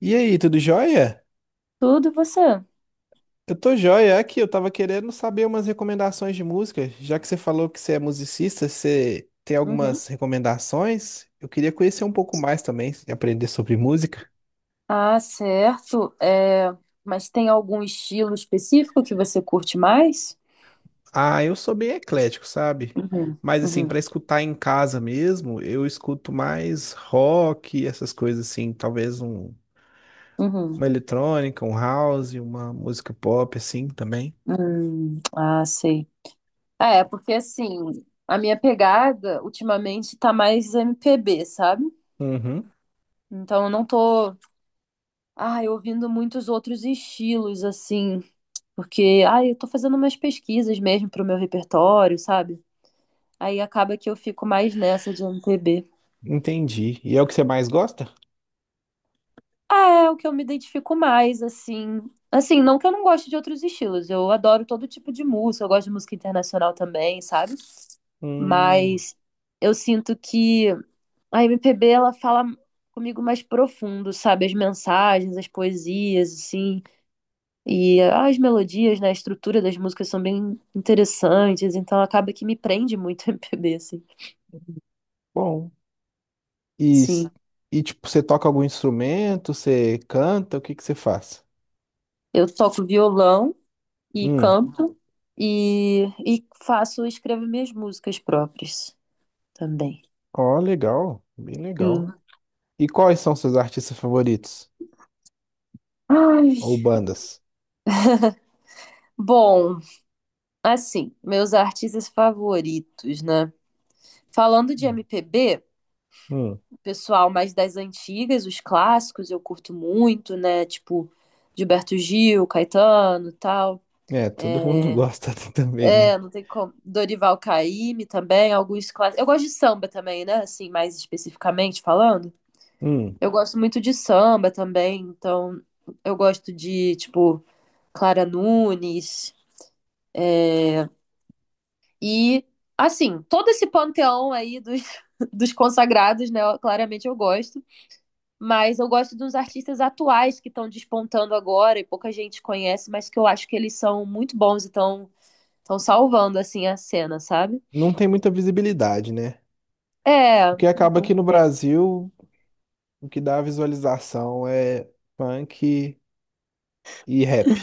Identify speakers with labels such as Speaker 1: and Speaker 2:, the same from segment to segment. Speaker 1: E aí, tudo jóia?
Speaker 2: Tudo você?
Speaker 1: Eu tô jóia aqui, eu tava querendo saber umas recomendações de música. Já que você falou que você é musicista, você tem
Speaker 2: Uhum.
Speaker 1: algumas recomendações? Eu queria conhecer um pouco mais também, aprender sobre música.
Speaker 2: Ah, certo. Mas tem algum estilo específico que você curte mais?
Speaker 1: Ah, eu sou bem eclético, sabe?
Speaker 2: Uhum,
Speaker 1: Mas assim,
Speaker 2: uhum,
Speaker 1: pra escutar em casa mesmo, eu escuto mais rock, essas coisas assim,
Speaker 2: uhum.
Speaker 1: uma eletrônica, um house, uma música pop assim também.
Speaker 2: Ah, sei. Ah, porque assim, a minha pegada ultimamente tá mais MPB, sabe?
Speaker 1: Uhum,
Speaker 2: Então eu não tô, ai, ouvindo muitos outros estilos, assim, eu tô fazendo umas pesquisas mesmo pro meu repertório, sabe? Aí acaba que eu fico mais nessa de MPB.
Speaker 1: entendi. E é o que você mais gosta?
Speaker 2: Ah, É, o que eu me identifico mais, assim. Assim, não que eu não goste de outros estilos, eu adoro todo tipo de música, eu gosto de música internacional também, sabe?
Speaker 1: Hum,
Speaker 2: Mas eu sinto que a MPB, ela fala comigo mais profundo, sabe? As mensagens, as poesias, assim, e as melodias, né? A estrutura das músicas são bem interessantes, então acaba que me prende muito a MPB, assim.
Speaker 1: bom. E, s-
Speaker 2: Sim,
Speaker 1: e tipo, você toca algum instrumento? Você canta? O que que você faz?
Speaker 2: eu toco violão e
Speaker 1: Hum,
Speaker 2: canto e escrevo minhas músicas próprias também.
Speaker 1: ó, legal, bem legal.
Speaker 2: Sim.
Speaker 1: E quais são seus artistas favoritos?
Speaker 2: Ai.
Speaker 1: Ou bandas?
Speaker 2: Bom, assim, meus artistas favoritos, né? Falando de
Speaker 1: Hum,
Speaker 2: MPB,
Speaker 1: hum,
Speaker 2: pessoal mais das antigas, os clássicos, eu curto muito, né? Tipo, Gilberto Gil, Caetano, e tal.
Speaker 1: é, todo mundo
Speaker 2: É,
Speaker 1: gosta também, né?
Speaker 2: não tem como. Dorival Caymmi também, alguns clássicos. Eu gosto de samba também, né? Assim, mais especificamente falando.
Speaker 1: Hum,
Speaker 2: Eu gosto muito de samba também, então eu gosto de, tipo, Clara Nunes, é, E, assim, todo esse panteão aí dos, dos consagrados, né? Claramente eu gosto. Mas eu gosto dos artistas atuais que estão despontando agora e pouca gente conhece, mas que eu acho que eles são muito bons e estão salvando, assim, a cena, sabe?
Speaker 1: não tem muita visibilidade, né?
Speaker 2: É,
Speaker 1: Porque acaba
Speaker 2: não
Speaker 1: aqui no
Speaker 2: sei.
Speaker 1: Brasil, o que dá visualização é funk e rap,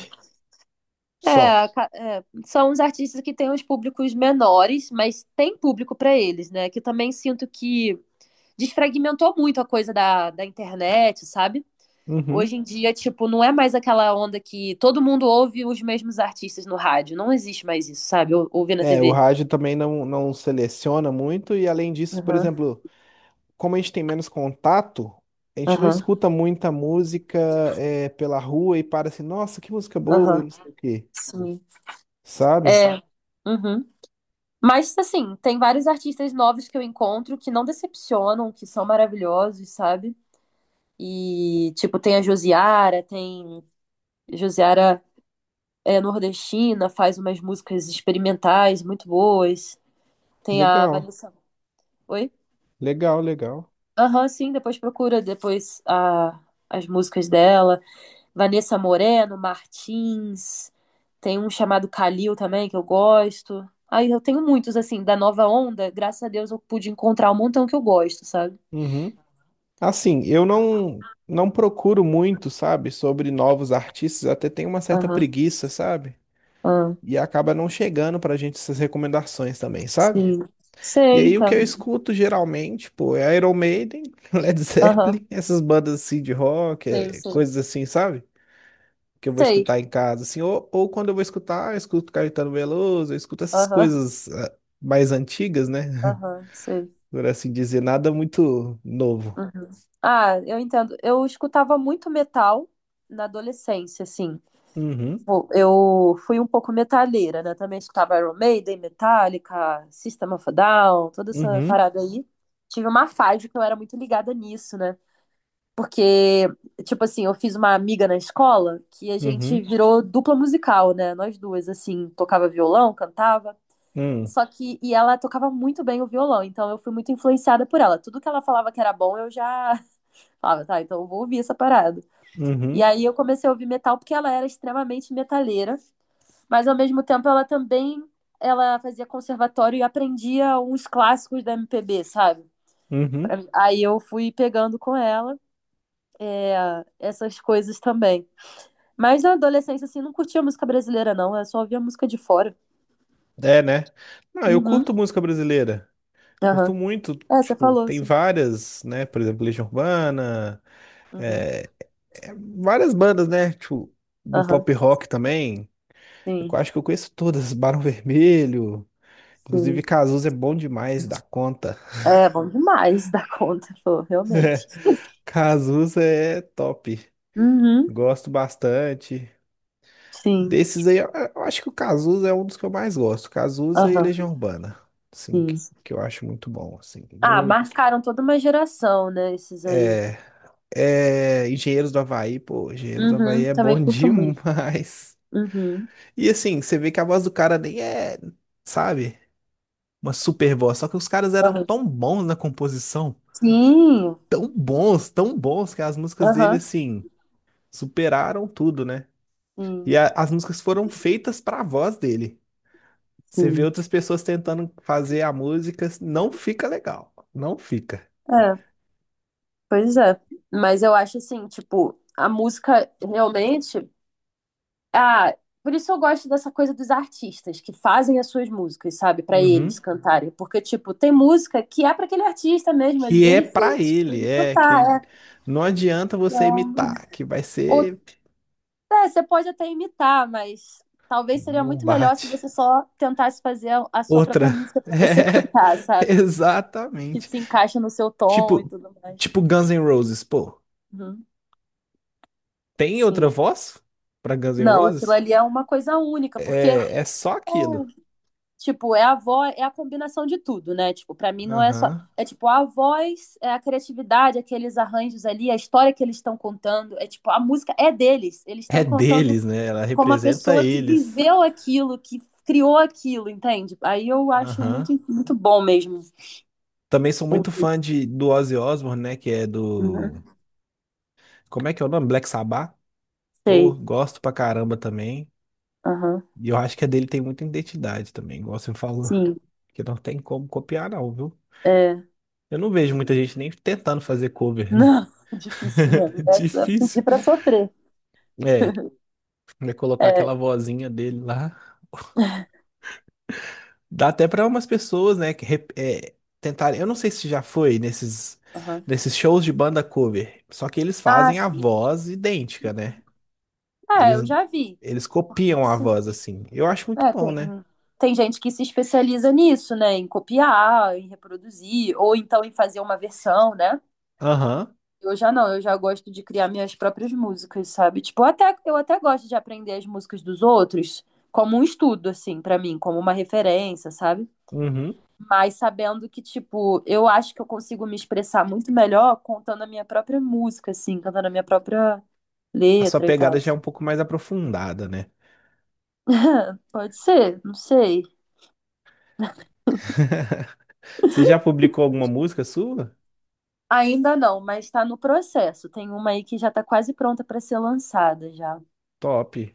Speaker 1: só.
Speaker 2: É, é, são os artistas que têm os públicos menores, mas tem público para eles, né? Que eu também sinto que desfragmentou muito a coisa da internet, sabe?
Speaker 1: Uhum.
Speaker 2: Hoje em dia, tipo, não é mais aquela onda que todo mundo ouve os mesmos artistas no rádio. Não existe mais isso, sabe? Ouvir na
Speaker 1: É, o
Speaker 2: TV.
Speaker 1: rádio também não, não seleciona muito, e além disso, por
Speaker 2: Aham,
Speaker 1: exemplo. Como a gente tem menos contato, a gente não
Speaker 2: aham,
Speaker 1: escuta muita música é, pela rua e para assim, nossa, que música boa e
Speaker 2: aham.
Speaker 1: não sei o quê,
Speaker 2: Sim.
Speaker 1: sabe?
Speaker 2: É. Uhum. Mas, assim, tem vários artistas novos que eu encontro que não decepcionam, que são maravilhosos, sabe? E, tipo, tem a Josiara, tem. Josiara é nordestina, faz umas músicas experimentais muito boas. Tem a
Speaker 1: Legal,
Speaker 2: Vanessa. Oi?
Speaker 1: legal, legal.
Speaker 2: Aham, sim, depois procura depois a, as músicas dela. Vanessa Moreno, Martins, tem um chamado Kalil também, que eu gosto. Aí eu tenho muitos, assim, da nova onda, graças a Deus eu pude encontrar um montão que eu gosto, sabe?
Speaker 1: Uhum. Assim, eu não procuro muito, sabe, sobre novos artistas, até tenho uma certa
Speaker 2: Aham,
Speaker 1: preguiça, sabe?
Speaker 2: aham,
Speaker 1: E acaba não chegando pra gente essas recomendações também, sabe?
Speaker 2: sim.
Speaker 1: E
Speaker 2: Sei,
Speaker 1: aí o que
Speaker 2: tá.
Speaker 1: eu escuto geralmente, pô, é Iron Maiden, Led
Speaker 2: Aham,
Speaker 1: Zeppelin, essas bandas assim de rock,
Speaker 2: sei,
Speaker 1: é,
Speaker 2: sei.
Speaker 1: coisas assim, sabe? Que eu vou
Speaker 2: Sei,
Speaker 1: escutar em casa, assim, ou quando eu vou escutar, eu escuto Caetano Veloso, eu escuto essas
Speaker 2: aham,
Speaker 1: coisas ah, mais antigas, né?
Speaker 2: aham, sei.
Speaker 1: Por assim dizer, nada muito novo.
Speaker 2: Uhum. Ah, eu entendo. Eu escutava muito metal na adolescência, assim.
Speaker 1: Uhum,
Speaker 2: Tipo, eu fui um pouco metaleira, né? Também escutava Iron Maiden, Metallica, System of a Down, toda essa
Speaker 1: uhum,
Speaker 2: parada aí. Tive uma fase que eu era muito ligada nisso, né? Porque, tipo assim, eu fiz uma amiga na escola que a gente
Speaker 1: uhum,
Speaker 2: virou dupla musical, né? Nós duas, assim, tocava violão, cantava.
Speaker 1: hum,
Speaker 2: Só que, e ela tocava muito bem o violão, então eu fui muito influenciada por ela. Tudo que ela falava que era bom, eu já falava, tá, então eu vou ouvir essa parada. E
Speaker 1: uhum,
Speaker 2: aí eu comecei a ouvir metal porque ela era extremamente metaleira, mas ao mesmo tempo ela também ela fazia conservatório e aprendia uns clássicos da MPB, sabe? Pra
Speaker 1: uhum.
Speaker 2: mim. Aí eu fui pegando com ela é, essas coisas também. Mas na adolescência, assim, não curtia música brasileira, não. Eu só ouvia música de fora.
Speaker 1: É, né? Não, eu
Speaker 2: Uhum.
Speaker 1: curto música brasileira. Curto
Speaker 2: Aham.
Speaker 1: muito,
Speaker 2: É, você
Speaker 1: tipo,
Speaker 2: falou,
Speaker 1: tem
Speaker 2: sim.
Speaker 1: várias, né? Por exemplo, Legião Urbana,
Speaker 2: Uhum.
Speaker 1: é, é, várias bandas, né? Tipo, do
Speaker 2: Aham.
Speaker 1: pop rock também. Eu
Speaker 2: Sim,
Speaker 1: acho que eu conheço todas, Barão Vermelho, inclusive,
Speaker 2: sim.
Speaker 1: Cazuza é bom demais da conta.
Speaker 2: É bom demais da conta, pô, realmente.
Speaker 1: Cazuza é top.
Speaker 2: Uhum.
Speaker 1: Gosto bastante.
Speaker 2: Sim.
Speaker 1: Desses aí, eu acho que o Cazuza é um dos que eu mais gosto. Cazuza e
Speaker 2: Aham.
Speaker 1: Legião Urbana. Assim,
Speaker 2: Sim.
Speaker 1: que eu acho muito bom. Assim,
Speaker 2: Ah,
Speaker 1: muito.
Speaker 2: marcaram toda uma geração, né? Esses aí.
Speaker 1: É, é, Engenheiros do Havaí, pô, Engenheiros do Havaí
Speaker 2: Uhum.
Speaker 1: é
Speaker 2: Também
Speaker 1: bom
Speaker 2: curto muito.
Speaker 1: demais.
Speaker 2: Uhum.
Speaker 1: E assim, você vê que a voz do cara nem é, sabe, uma super voz. Só que os caras eram
Speaker 2: Aham.
Speaker 1: tão bons na composição,
Speaker 2: Sim,
Speaker 1: tão bons, que as músicas dele,
Speaker 2: aham,
Speaker 1: assim, superaram tudo, né? E
Speaker 2: sim,
Speaker 1: as músicas foram feitas para a voz dele. Você vê
Speaker 2: sim.
Speaker 1: outras pessoas tentando fazer a música, não fica legal, não fica.
Speaker 2: É, pois é. Mas eu acho assim, tipo, a música realmente. Ah, por isso eu gosto dessa coisa dos artistas que fazem as suas músicas, sabe, pra eles
Speaker 1: Uhum.
Speaker 2: cantarem. Porque, tipo, tem música que é pra aquele artista mesmo
Speaker 1: Que
Speaker 2: ali,
Speaker 1: é
Speaker 2: ele
Speaker 1: para
Speaker 2: fez pra
Speaker 1: ele,
Speaker 2: ele
Speaker 1: é que
Speaker 2: cantar, é.
Speaker 1: não adianta você
Speaker 2: Então,
Speaker 1: imitar, que vai
Speaker 2: Ou,
Speaker 1: ser,
Speaker 2: é, você pode até imitar, mas talvez seria
Speaker 1: não
Speaker 2: muito melhor se
Speaker 1: bate.
Speaker 2: você só tentasse fazer a sua própria
Speaker 1: Outra.
Speaker 2: música pra você cantar,
Speaker 1: É,
Speaker 2: sabe? Que
Speaker 1: exatamente.
Speaker 2: se encaixa no seu tom e
Speaker 1: Tipo,
Speaker 2: tudo mais.
Speaker 1: tipo Guns N' Roses, pô.
Speaker 2: Uhum,
Speaker 1: Tem outra
Speaker 2: sim.
Speaker 1: voz para Guns N'
Speaker 2: Não, aquilo
Speaker 1: Roses?
Speaker 2: ali é uma coisa única, porque,
Speaker 1: É, é só aquilo.
Speaker 2: tipo, é a voz, é a combinação de tudo, né? Tipo, pra mim não é só.
Speaker 1: Aham.
Speaker 2: É tipo, a voz, é a criatividade, aqueles arranjos ali, a história que eles estão contando. É tipo, a música é deles. Eles
Speaker 1: É
Speaker 2: estão contando
Speaker 1: deles, né? Ela
Speaker 2: como a
Speaker 1: representa
Speaker 2: pessoa que
Speaker 1: eles.
Speaker 2: viveu aquilo, que criou aquilo, entende? Aí eu acho
Speaker 1: Aham.
Speaker 2: muito, muito bom mesmo.
Speaker 1: Também sou muito fã de, do Ozzy Osbourne, né? Que é do.
Speaker 2: Uhum,
Speaker 1: Como é que é o nome? Black Sabbath? Pô,
Speaker 2: sei.
Speaker 1: gosto pra caramba também.
Speaker 2: Aham.
Speaker 1: E eu acho que a dele tem muita identidade também, igual você falou.
Speaker 2: Sim.
Speaker 1: Que não tem como copiar, não, viu?
Speaker 2: É.
Speaker 1: Eu não vejo muita gente nem tentando fazer cover, né?
Speaker 2: Não, difícil mesmo. É só
Speaker 1: Difícil.
Speaker 2: pedir pra sofrer.
Speaker 1: É, vai colocar
Speaker 2: É,
Speaker 1: aquela vozinha dele lá. Dá até para umas pessoas, né, que é, tentarem. Eu não sei se já foi nesses,
Speaker 2: aham.
Speaker 1: nesses shows de banda cover, só que eles
Speaker 2: Ah,
Speaker 1: fazem a
Speaker 2: sim.
Speaker 1: voz idêntica, né?
Speaker 2: É,
Speaker 1: Eles,
Speaker 2: eu já vi.
Speaker 1: eles copiam a
Speaker 2: Sim.
Speaker 1: voz assim. Eu acho muito
Speaker 2: É,
Speaker 1: bom, né?
Speaker 2: tem gente que se especializa nisso, né? Em copiar, em reproduzir, ou então em fazer uma versão, né?
Speaker 1: Aham.
Speaker 2: Eu já não, eu já gosto de criar minhas próprias músicas, sabe? Tipo, eu até gosto de aprender as músicas dos outros como um estudo, assim, pra mim, como uma referência, sabe?
Speaker 1: Uhum.
Speaker 2: Mas sabendo que, tipo, eu acho que eu consigo me expressar muito melhor contando a minha própria música, assim, cantando a minha própria
Speaker 1: A sua
Speaker 2: letra e tal.
Speaker 1: pegada já é um pouco mais aprofundada, né?
Speaker 2: Pode ser, não sei.
Speaker 1: Você já publicou alguma música sua?
Speaker 2: Ainda não, mas está no processo. Tem uma aí que já está quase pronta para ser lançada já.
Speaker 1: Top.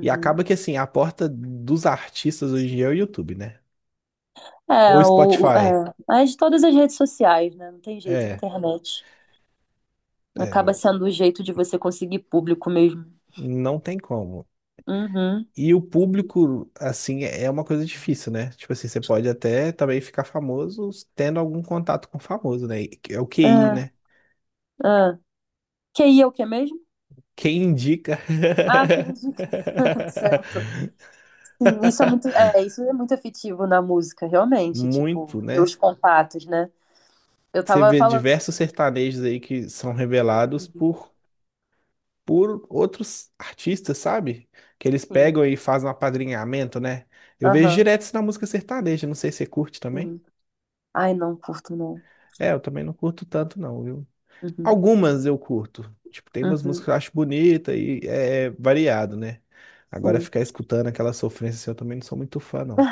Speaker 1: E acaba que assim, a porta dos artistas hoje em dia é o YouTube, né? Ou
Speaker 2: É,
Speaker 1: Spotify.
Speaker 2: é, mas de todas as redes sociais, né? Não tem jeito, a
Speaker 1: É,
Speaker 2: internet.
Speaker 1: é,
Speaker 2: Acaba
Speaker 1: não.
Speaker 2: sendo o jeito de você conseguir público mesmo.
Speaker 1: Não tem como.
Speaker 2: Uhum.
Speaker 1: E o público, assim, é uma coisa difícil, né? Tipo assim, você pode até também ficar famoso tendo algum contato com famoso, né? É o
Speaker 2: É,
Speaker 1: QI, né?
Speaker 2: é. QI é o que mesmo?
Speaker 1: Quem indica
Speaker 2: Ah, que entendi, certo. Sim, é, isso é muito afetivo na música, realmente, tipo,
Speaker 1: muito,
Speaker 2: ter os
Speaker 1: né?
Speaker 2: contatos, né? Eu
Speaker 1: Você
Speaker 2: tava
Speaker 1: vê
Speaker 2: falando
Speaker 1: diversos
Speaker 2: sobre.
Speaker 1: sertanejos aí que são revelados por outros artistas, sabe? Que eles
Speaker 2: Sim,
Speaker 1: pegam e fazem um apadrinhamento, né? Eu vejo
Speaker 2: aham,
Speaker 1: direto isso na música sertaneja, não sei se você curte também.
Speaker 2: sim. Ai, não curto, não.
Speaker 1: É, eu também não curto tanto, não, viu?
Speaker 2: Uhum,
Speaker 1: Algumas eu curto. Tipo, tem umas músicas
Speaker 2: uhum,
Speaker 1: que eu acho bonita e é variado, né? Agora
Speaker 2: sim.
Speaker 1: ficar escutando aquela sofrência assim, eu também não sou muito fã, não.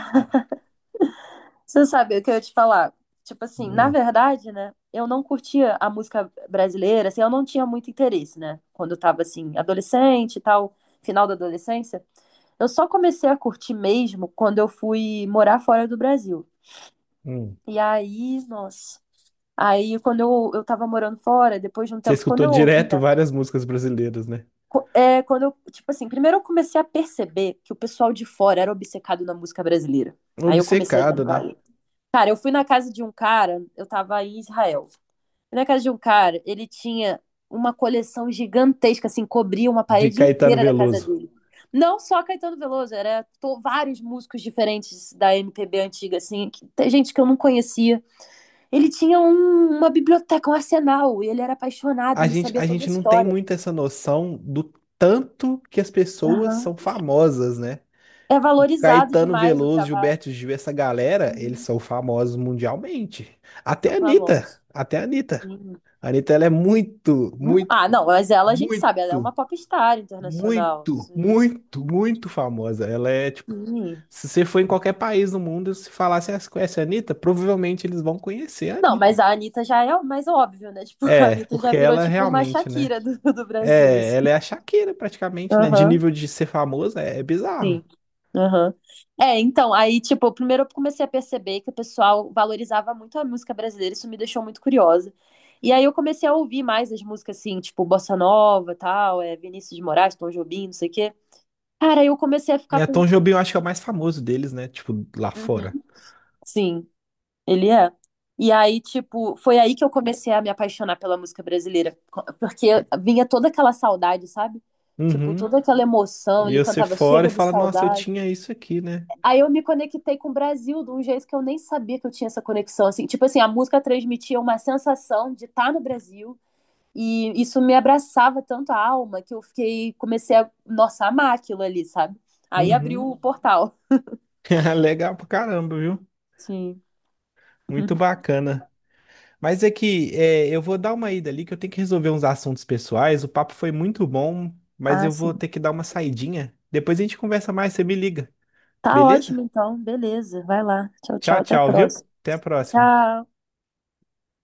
Speaker 2: Você sabe o que eu ia te falar? Tipo assim, na
Speaker 1: Hum,
Speaker 2: verdade, né? Eu não curtia a música brasileira, assim, eu não tinha muito interesse, né? Quando eu tava, assim, adolescente e tal, final da adolescência. Eu só comecei a curtir mesmo quando eu fui morar fora do Brasil.
Speaker 1: hum.
Speaker 2: E aí, nossa. Aí, eu tava morando fora, depois de um
Speaker 1: Você
Speaker 2: tempo, quando
Speaker 1: escutou
Speaker 2: eu
Speaker 1: direto
Speaker 2: ouvia.
Speaker 1: várias músicas brasileiras, né?
Speaker 2: É, tipo assim, primeiro eu comecei a perceber que o pessoal de fora era obcecado na música brasileira. Aí eu comecei a dar
Speaker 1: Obcecado, né?
Speaker 2: valor. Cara, eu fui na casa de um cara, eu tava em Israel. Fui na casa de um cara, ele tinha uma coleção gigantesca, assim, cobria uma
Speaker 1: De
Speaker 2: parede
Speaker 1: Caetano
Speaker 2: inteira da casa
Speaker 1: Veloso.
Speaker 2: dele. Não só Caetano Veloso, era vários músicos diferentes da MPB antiga, assim, tem gente que eu não conhecia. Ele tinha uma biblioteca, um arsenal, e ele era apaixonado,
Speaker 1: A
Speaker 2: ele
Speaker 1: gente,
Speaker 2: sabia
Speaker 1: a
Speaker 2: toda a
Speaker 1: gente não tem
Speaker 2: história.
Speaker 1: muito essa noção do tanto que as pessoas
Speaker 2: Aham.
Speaker 1: são famosas, né?
Speaker 2: É
Speaker 1: O
Speaker 2: valorizado
Speaker 1: Caetano
Speaker 2: demais o
Speaker 1: Veloso,
Speaker 2: trabalho.
Speaker 1: Gilberto Gil, essa galera, eles
Speaker 2: Uhum.
Speaker 1: são famosos mundialmente. Até a
Speaker 2: São
Speaker 1: Anitta,
Speaker 2: famosos.
Speaker 1: até a Anitta.
Speaker 2: Uhum.
Speaker 1: A Anitta, ela é muito, muito
Speaker 2: Ah, não, mas ela a gente sabe, ela é uma
Speaker 1: muito,
Speaker 2: popstar internacional.
Speaker 1: muito,
Speaker 2: Isso aí.
Speaker 1: muito, muito famosa. Ela é tipo,
Speaker 2: Sim.
Speaker 1: se você for em qualquer país do mundo, se falar se você conhece a Anitta, provavelmente eles vão conhecer a
Speaker 2: Não,
Speaker 1: Anitta.
Speaker 2: mas a Anitta já é o mais óbvio, né? Tipo, a
Speaker 1: É,
Speaker 2: Anitta já
Speaker 1: porque
Speaker 2: virou
Speaker 1: ela
Speaker 2: tipo uma
Speaker 1: realmente, né?
Speaker 2: Shakira do Brasil,
Speaker 1: É,
Speaker 2: assim.
Speaker 1: ela é a Shakira praticamente, né? De
Speaker 2: Aham,
Speaker 1: nível de ser famosa, é, é bizarro.
Speaker 2: sim. Aham. É, então, aí, tipo, primeiro eu comecei a perceber que o pessoal valorizava muito a música brasileira, isso me deixou muito curiosa. E aí eu comecei a ouvir mais as músicas, assim, tipo, Bossa Nova, tal, é, Vinícius de Moraes, Tom Jobim, não sei o quê. Cara, aí eu comecei a ficar
Speaker 1: É,
Speaker 2: com...
Speaker 1: Tom Jobim eu acho que é o mais famoso deles, né? Tipo, lá fora.
Speaker 2: Uhum. Sim. Ele é. E aí, tipo, foi aí que eu comecei a me apaixonar pela música brasileira, porque vinha toda aquela saudade, sabe? Tipo,
Speaker 1: Uhum.
Speaker 2: toda aquela emoção,
Speaker 1: E
Speaker 2: ele
Speaker 1: você
Speaker 2: cantava
Speaker 1: fora e
Speaker 2: Chega de
Speaker 1: fala, nossa, eu
Speaker 2: Saudade.
Speaker 1: tinha isso aqui, né?
Speaker 2: Aí eu me conectei com o Brasil de um jeito que eu nem sabia que eu tinha essa conexão, assim. Tipo assim, a música transmitia uma sensação de estar no Brasil e isso me abraçava tanto a alma que eu fiquei, comecei a, nossa, amar aquilo ali, sabe? Aí abriu
Speaker 1: Uhum.
Speaker 2: o portal.
Speaker 1: Legal pra caramba, viu?
Speaker 2: Sim.
Speaker 1: Muito bacana. Mas é que é, eu vou dar uma ida ali, que eu tenho que resolver uns assuntos pessoais. O papo foi muito bom, mas
Speaker 2: Ah,
Speaker 1: eu vou
Speaker 2: sim.
Speaker 1: ter que dar uma saidinha. Depois a gente conversa mais, você me liga,
Speaker 2: Tá
Speaker 1: beleza?
Speaker 2: ótimo, então. Beleza. Vai lá. Tchau, tchau.
Speaker 1: Tchau,
Speaker 2: Até a
Speaker 1: tchau, viu?
Speaker 2: próxima.
Speaker 1: Até a próxima.
Speaker 2: Tchau.